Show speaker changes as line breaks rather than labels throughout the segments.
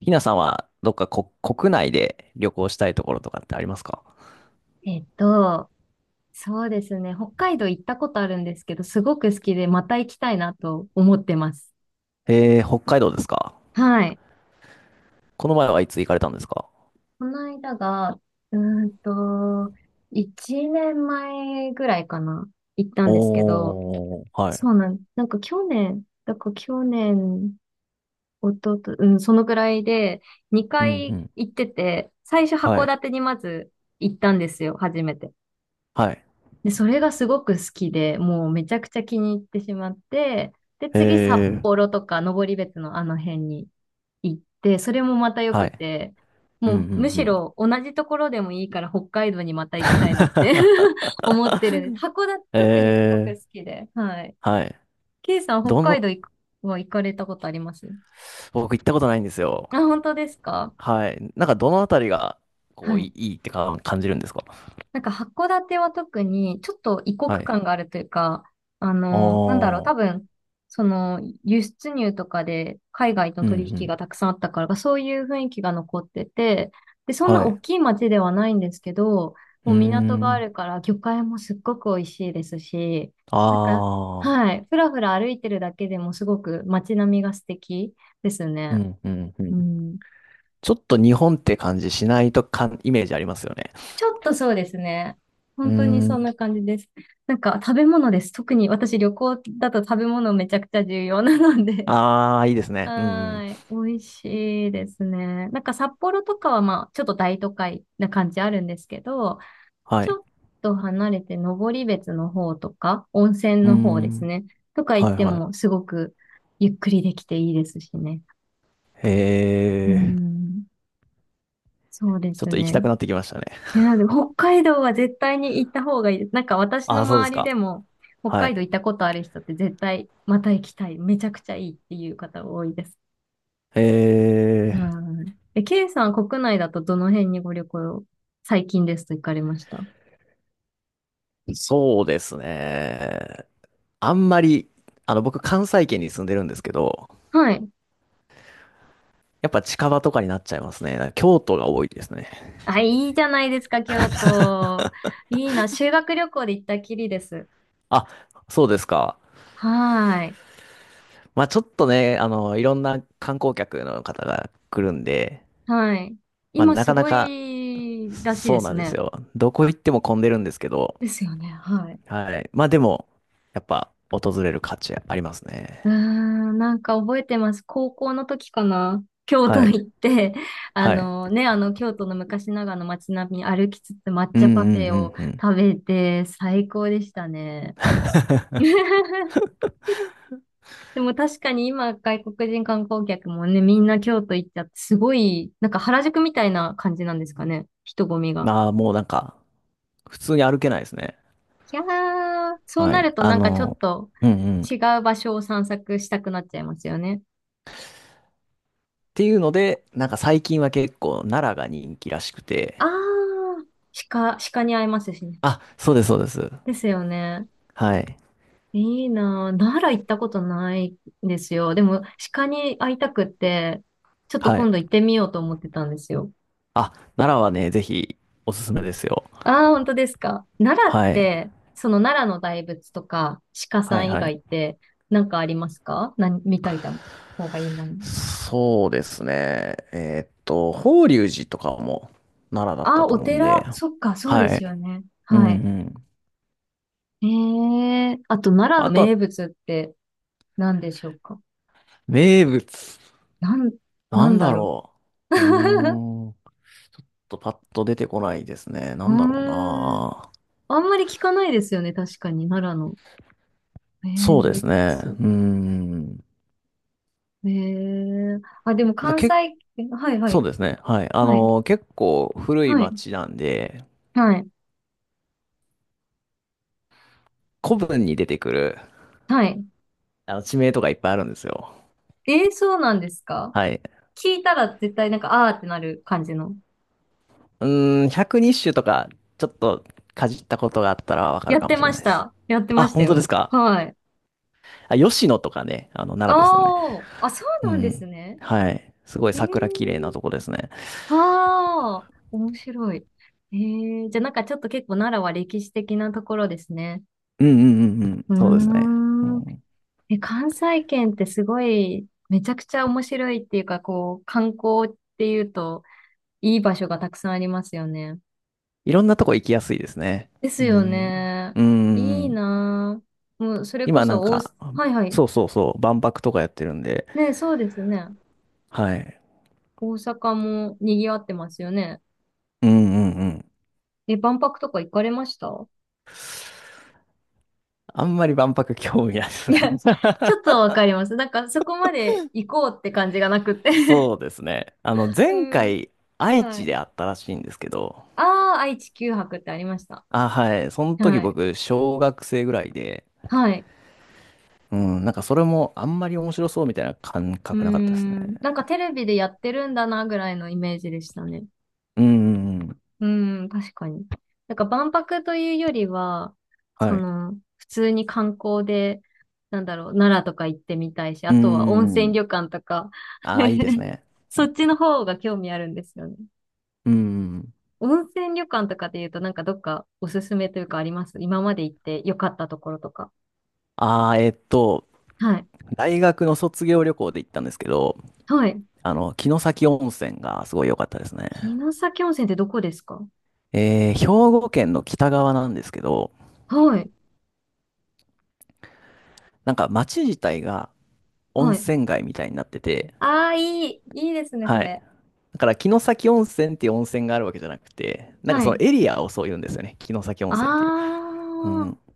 ひなさんはどっかこ国内で旅行したいところとかってありますか？
えっと、そうですね。北海道行ったことあるんですけど、すごく好きで、また行きたいなと思ってます。
えー、北海道ですか？
はい。
この前はいつ行かれたんですか？
この間が、うーんと、1年前ぐらいかな、行ったんですけど、
おー、はい。
そうなん、なんか去年、だから去年、おとと、うん、そのぐらいで、
う
2
んう
回
ん。
行ってて、最初
は
函
い。
館にまず行ったんですよ、初めて。
はい。
で、それがすごく好きで、もうめちゃくちゃ気に入ってしまって、で、次札
えー、
幌とか登別のあの辺に行って、それもまた良
は
く
い。
て、
うんう
も
ん
うむ
う
し
ん。
ろ同じところでもいいから北海道にまた行きたいなって 思ってるんで す。函館特にすごく
えー、
好きで。はい。
はい。
ケイさん、北
ど
海
の、
道行くは行かれたことあります
僕行ったことないんですよ。
あ、本当ですか？
はい。なんかどのあたりが、こ
は
う、い
い。
いいいってか感じるんですか？
なんか函館は特にちょっと異国
はい。
感があるというか、あ
お
の、なんだろう、多
ー、
分、その輸出入とかで海外との
うんう
取引が
ん。
たくさんあったから、そういう雰囲気が残ってて、で、そん
は
な大
い。
きい町ではないんですけど、
う
も
ー
う港があ
ん。
るから魚介もすっごく美味しいですし、なんか、
あ
は
ー。
い、ふらふら歩いてるだけでもすごく街並みが素敵です
う
ね。
んうんう
う
ん。
ん。
ちょっと日本って感じしないとかん、イメージありますよね。
ちょっとそうですね。
うー
本当にそん
ん。
な感じです。なんか食べ物です。特に私旅行だと食べ物めちゃくちゃ重要なので。
ああ、いいです ね。うんう
は
ん。
ーい。美味しいですね。なんか札幌とかはまあちょっと大都会な感じあるんですけど、
は
ち
い。
ょっと離れて登別の方とか、温泉
うー
の方です
ん。
ね。とか行
は
っ
い
て
はい。
もすごくゆっくりできていいですしね。うー
えー。
ん。そうで
ちょ
す
っと行き
ね。
たくなってきましたね。
いや、でも北海道は絶対に行った方がいいです。なんか私の
ああ、そうです
周り
か。
でも、北
は
海道
い。
行ったことある人って絶対また行きたい。めちゃくちゃいいっていう方多いです。
え
はい。え、K さん国内だとどの辺にご旅行、最近ですと行かれました
ー。そうですね。あんまり、あの、僕、関西圏に住んでるんですけど、
はい。
やっぱ近場とかになっちゃいますね。京都が多いですね。
あ、いいじゃないですか、京都。いいな。修学旅行で行ったきりです。
あ、そうですか。
はい。
まあちょっとね、あの、いろんな観光客の方が来るんで、
はい。
まあ、
今
な
す
かな
ご
か、
いらしい
そ
で
う
す
なんです
ね。
よ。どこ行っても混んでるんですけど、
ですよね。はい。
はい。まあでも、やっぱ、訪れる価値あります
うー
ね。
ん、なんか覚えてます。高校の時かな。京都
はい。
行って、あ
はい。
のね、あの京都の昔ながらの街並み歩きつつ抹
うんう
茶パフ
ん
ェ
う
を
んうん。
食べて最高でしたね。でも確かに今外国人観光客もね、みんな京都行っちゃってすごい、なんか原宿みたいな感じなんですかね。人混みが。
まあ、もうなんか、普通に歩けないですね。
いやー、そう
は
な
い。
ると
あ
なんかちょっ
の、
と
うんうん。っ
違う場所を散策したくなっちゃいますよね。
ていうので、なんか最近は結構、奈良が人気らしくて、
あー、鹿、鹿に会えますしね。
あ、そうです、そうです。
ですよね。
はい。
いいなぁ。奈良行ったことないんですよ。でも、鹿に会いたくって、ちょっと
はい。
今度行ってみようと思ってたんですよ。
あ、奈良はね、ぜひ、おすすめですよ。
ああ、本当ですか。奈良っ
はい。
て、その奈良の大仏とか、鹿さ
はい、
ん以
は
外
い。
って、なんかありますか？何、みたいな方がいいもの。
そうですね。法隆寺とかも奈良だっ
あ
た
あ、
と
お
思うん
寺。
で。
そっか、そう
は
です
い。
よね。
うんう
はい。
ん。
えあと、奈良の
あと
名
は、
物って何でしょうか？
名物。
なん、な
な
ん
んだ
だろう。
ろう。う ーん。ちょっとパッと出てこないですね。
う
なんだろう
ーん。
な。
あんまり聞かないですよね、確かに、奈良の。え
そ
ー、
うで
ウエッ
すね。
ツ。
うーん。
えー、あ、でも
まただ
関
け、
西、えはいは
そう
い、
ですね。はい。あ
はい、
の、結構古い
はい、
町なんで、
はい、
古文に出てくる、
はい。
あの、地名とかいっぱいあるんですよ。
えー、そうなんですか？
はい。
聞いたら絶対なんか、あーってなる感じの。
うーん、120種とか、ちょっとかじったことがあったらわか
や
る
っ
か
て
もしれ
ま
ない
し
です。
た。やって
あ、
ました
本当で
よ。
すか？
はい。
あ、吉野とかね、あの、奈良ですよね。
あー、あ、そう
う
なんで
ん。
すね。
はい。すごい
えー、
桜綺麗なとこですね。
はー、面白い。えー、じゃあなんかちょっと結構奈良は歴史的なところですね。
うんうんうんうん。
う
そうですね。う
ーん。
ん、
え、関西圏ってすごい、めちゃくちゃ面白いっていうか、こう、観光っていうと、いい場所がたくさんありますよね。
いろんなとこ行きやすいですね。
です
う
よ
ん。
ね。
う
いい
ん。
なぁ。もう、それこ
今なん
そ、大
か、
阪、はいはい。
そうそうそう、万博とかやってるんで、
ね、そうですね。
はい。
大阪も賑わってますよね。
うんうんうん。
え、万博とか行かれました
あんまり万博興味ないです
い
ね。
や、ちょっとわかります。なんか、そこまで行こうって感じがなくって
そうですね。あの、
う
前
ん、
回、愛
は
知
い。
であったらしいんですけど、
ああ、愛・地球博ってありました。
あ、はい。その時
はい。
僕、小学生ぐらいで、
はい。
うん、なんかそれもあんまり面白そうみたいな感
うー
覚なかったですね。
ん。なんかテレビでやってるんだなぐらいのイメージでしたね。
うん、うんうん、
うーん、確かに。なんか万博というよりは、そ
はい。
の、普通に観光で、なんだろう、奈良とか行ってみたいし、あ
う
とは温泉
ん、
旅館とか、
ああ、いいです ね。
そっちの方が興味あるんですよね。
うん。
温泉旅館とかで言うと、なんかどっかおすすめというかあります？今まで行って良かったところとか。
ああ、
はい。
大学の卒業旅行で行ったんですけど、
はい。
あの、城崎温泉がすごい良かったですね。
城崎温泉ってどこですか？
えー、兵庫県の北側なんですけど、
はい。
なんか町自体が温
はい。
泉街みたいになってて、
ああ、いい。いいですね、そ
はい。
れ。
だから、城崎温泉っていう温泉があるわけじゃなくて、なんか
は
その
い。
エリアをそう言うんですよね。城崎温泉っていう。
あ
うん。
あ、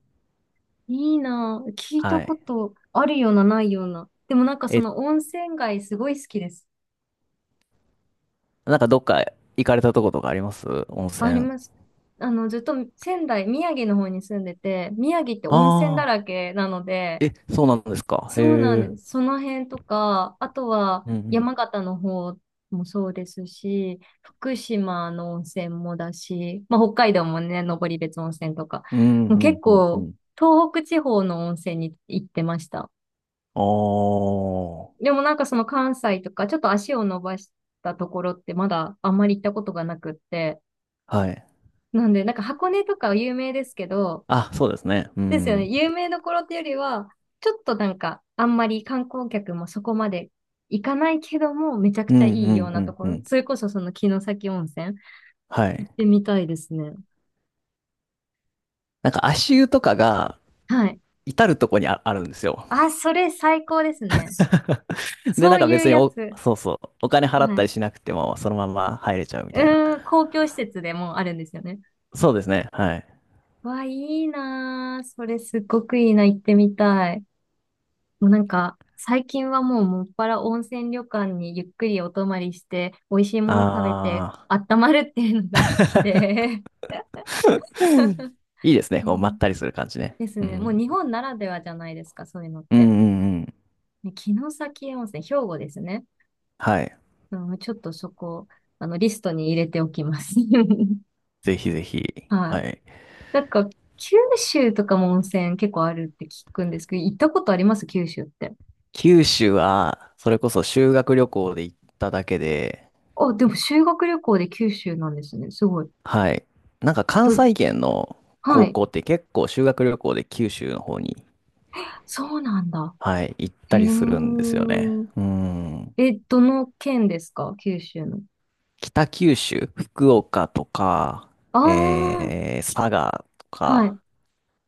いいな。聞いた
は
こ
い。
とあるような、ないような。でもなんかそ
え、
の温泉街すごい好きです。
なんかどっか行かれたとことかあります？温
あり
泉。
ます。あの、ずっと仙台、宮城の方に住んでて、宮城って温泉だ
ああ
らけなので、
ー。え、そうなんですか。
そうなん
へえ。
です。その辺とか、あとは
うんうん。
山形の方もそうですし、福島の温泉もだし、まあ、北海道もね、登別温泉とか、
うん
もう
う
結
んうんう
構
ん。
東北地方の温泉に行ってました。
おー。
でもなんかその関西とか、ちょっと足を伸ばしたところってまだあんまり行ったことがなくって。
はい。
なんで、なんか箱根とかは有名ですけど、
あ、そうですね。う
ですよね。
ん。
有名どころっていうよりは、ちょっとなんか、あんまり観光客もそこまで行かないけども、めちゃく
うん
ち
う
ゃいいよう
んう
なと
ん
こ
う
ろ。
ん。
それこそその城崎温泉、
はい。
行ってみたいですね。
なんか足湯とかが
はい。
至るとこにあ、あるんですよ。
あ、それ最高ですね。
で、
そ
なん
う
か
いう
別に
や
お、
つ。
そうそう、お金払っ
は
たり
い。
しなくても、そのまま入れちゃうみたいな。
うーん、公共施設でもあるんですよね。
そうですね。はい。
わ、いいなー。それすっごくいいな。行ってみたい。もうなんか、最近はもうもっぱら温泉旅館にゆっくりお泊まりして、美味しいもの食べて、
あ
温まるっていうのが好き
ー。
で。
いいですね。
い
こ
や
う、まったりする感じね。
です
う
ね。もう
ん。
日本ならではじゃないですか、そういうのっ
うんう
て。
んうん。
ね城崎温泉、兵庫ですね。
はい。
うん、ちょっとそこ、あの、リストに入れておきます。
ぜひぜひ。
は
は
い。
い。
なんか、九州とかも温泉結構あるって聞くんですけど、行ったことあります？九州って。
九州は、それこそ修学旅行で行っただけで、
あ、でも修学旅行で九州なんですね。すごい。
はい。なんか
ど、
関西圏の
は
高
い。
校って結構修学旅行で九州の方に、
そうなんだ。
はい、行っ
へ
たり
え。
するんですよね。うん。
え、どの県ですか？九州の。
北九州、福岡とか、
あ
えー、佐賀と
あ、は
か、
い。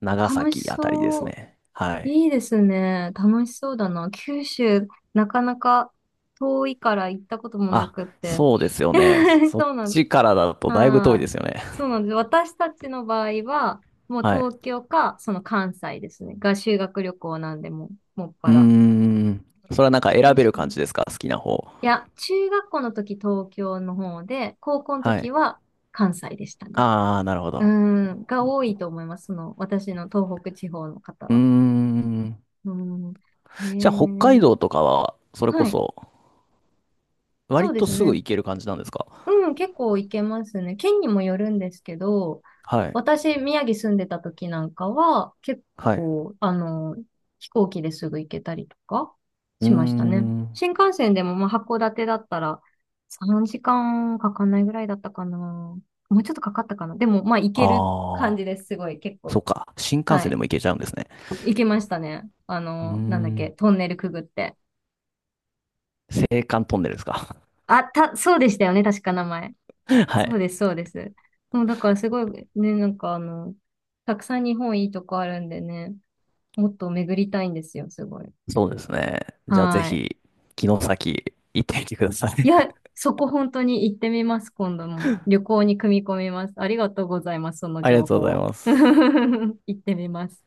長
楽し
崎あたりです
そう。
ね。はい。
いいですね。楽しそうだな。九州、なかなか遠いから行ったこともな
あ、
くって。
そうですよね。そっ
そうなんです、
ちからだとだいぶ遠い
は
で
い。
すよね。
そうなんです。私たちの場合は、もう
はい。
東京か、その関西ですね。が修学旅行なんで、もう、もっ
う
ぱ
ー
ら。
ん。それはなんか選
で
べ
す
る感じですか？好きな方。
いや、中学校の時東京の方で、高校の
は
時
い。
は関西でしたね。
あー、なるほ
う
ど。
ん、が多いと思います。その、私の東北地方の方
うー
は。
ん。
うん。へ
じゃあ北海
え。
道とかは、それこ
はい。
そ、
そ
割
うで
と
す
すぐ
ね。
行ける感じなんですか？
うん、結構行けますね。県にもよるんですけど、
はい。
私、宮城住んでた時なんかは、結
はい。
構、あの、飛行機ですぐ行けたりとか
うー
しましたね。
ん。
新幹線でも、まあ、函館だったら3時間かんかかんないぐらいだったかな。もうちょっとかかったかな。でも、まあ、行ける感
あー。
じです。すごい、結
そ
構。
っか。新幹
は
線
い。
でも行けちゃうんですね。
行けましたね。あ
うー
の、なんだっけ、
ん。
トンネルくぐって。
青函トンネルですか。
あ、た、そうでしたよね。確か名前。
は
そ
い。
うです、そうです。もうだからすごいね、なんかあの、たくさん日本いいとこあるんでね、もっと巡りたいんですよ、すごい。
そうですね。じゃあぜ
はい。
ひ、城崎行ってみてください。
いや、そこ本当に行ってみます、今度も。旅行に組み込みます。ありがとうございます、その
ありが
情
とうござい
報。
ます。
行ってみます。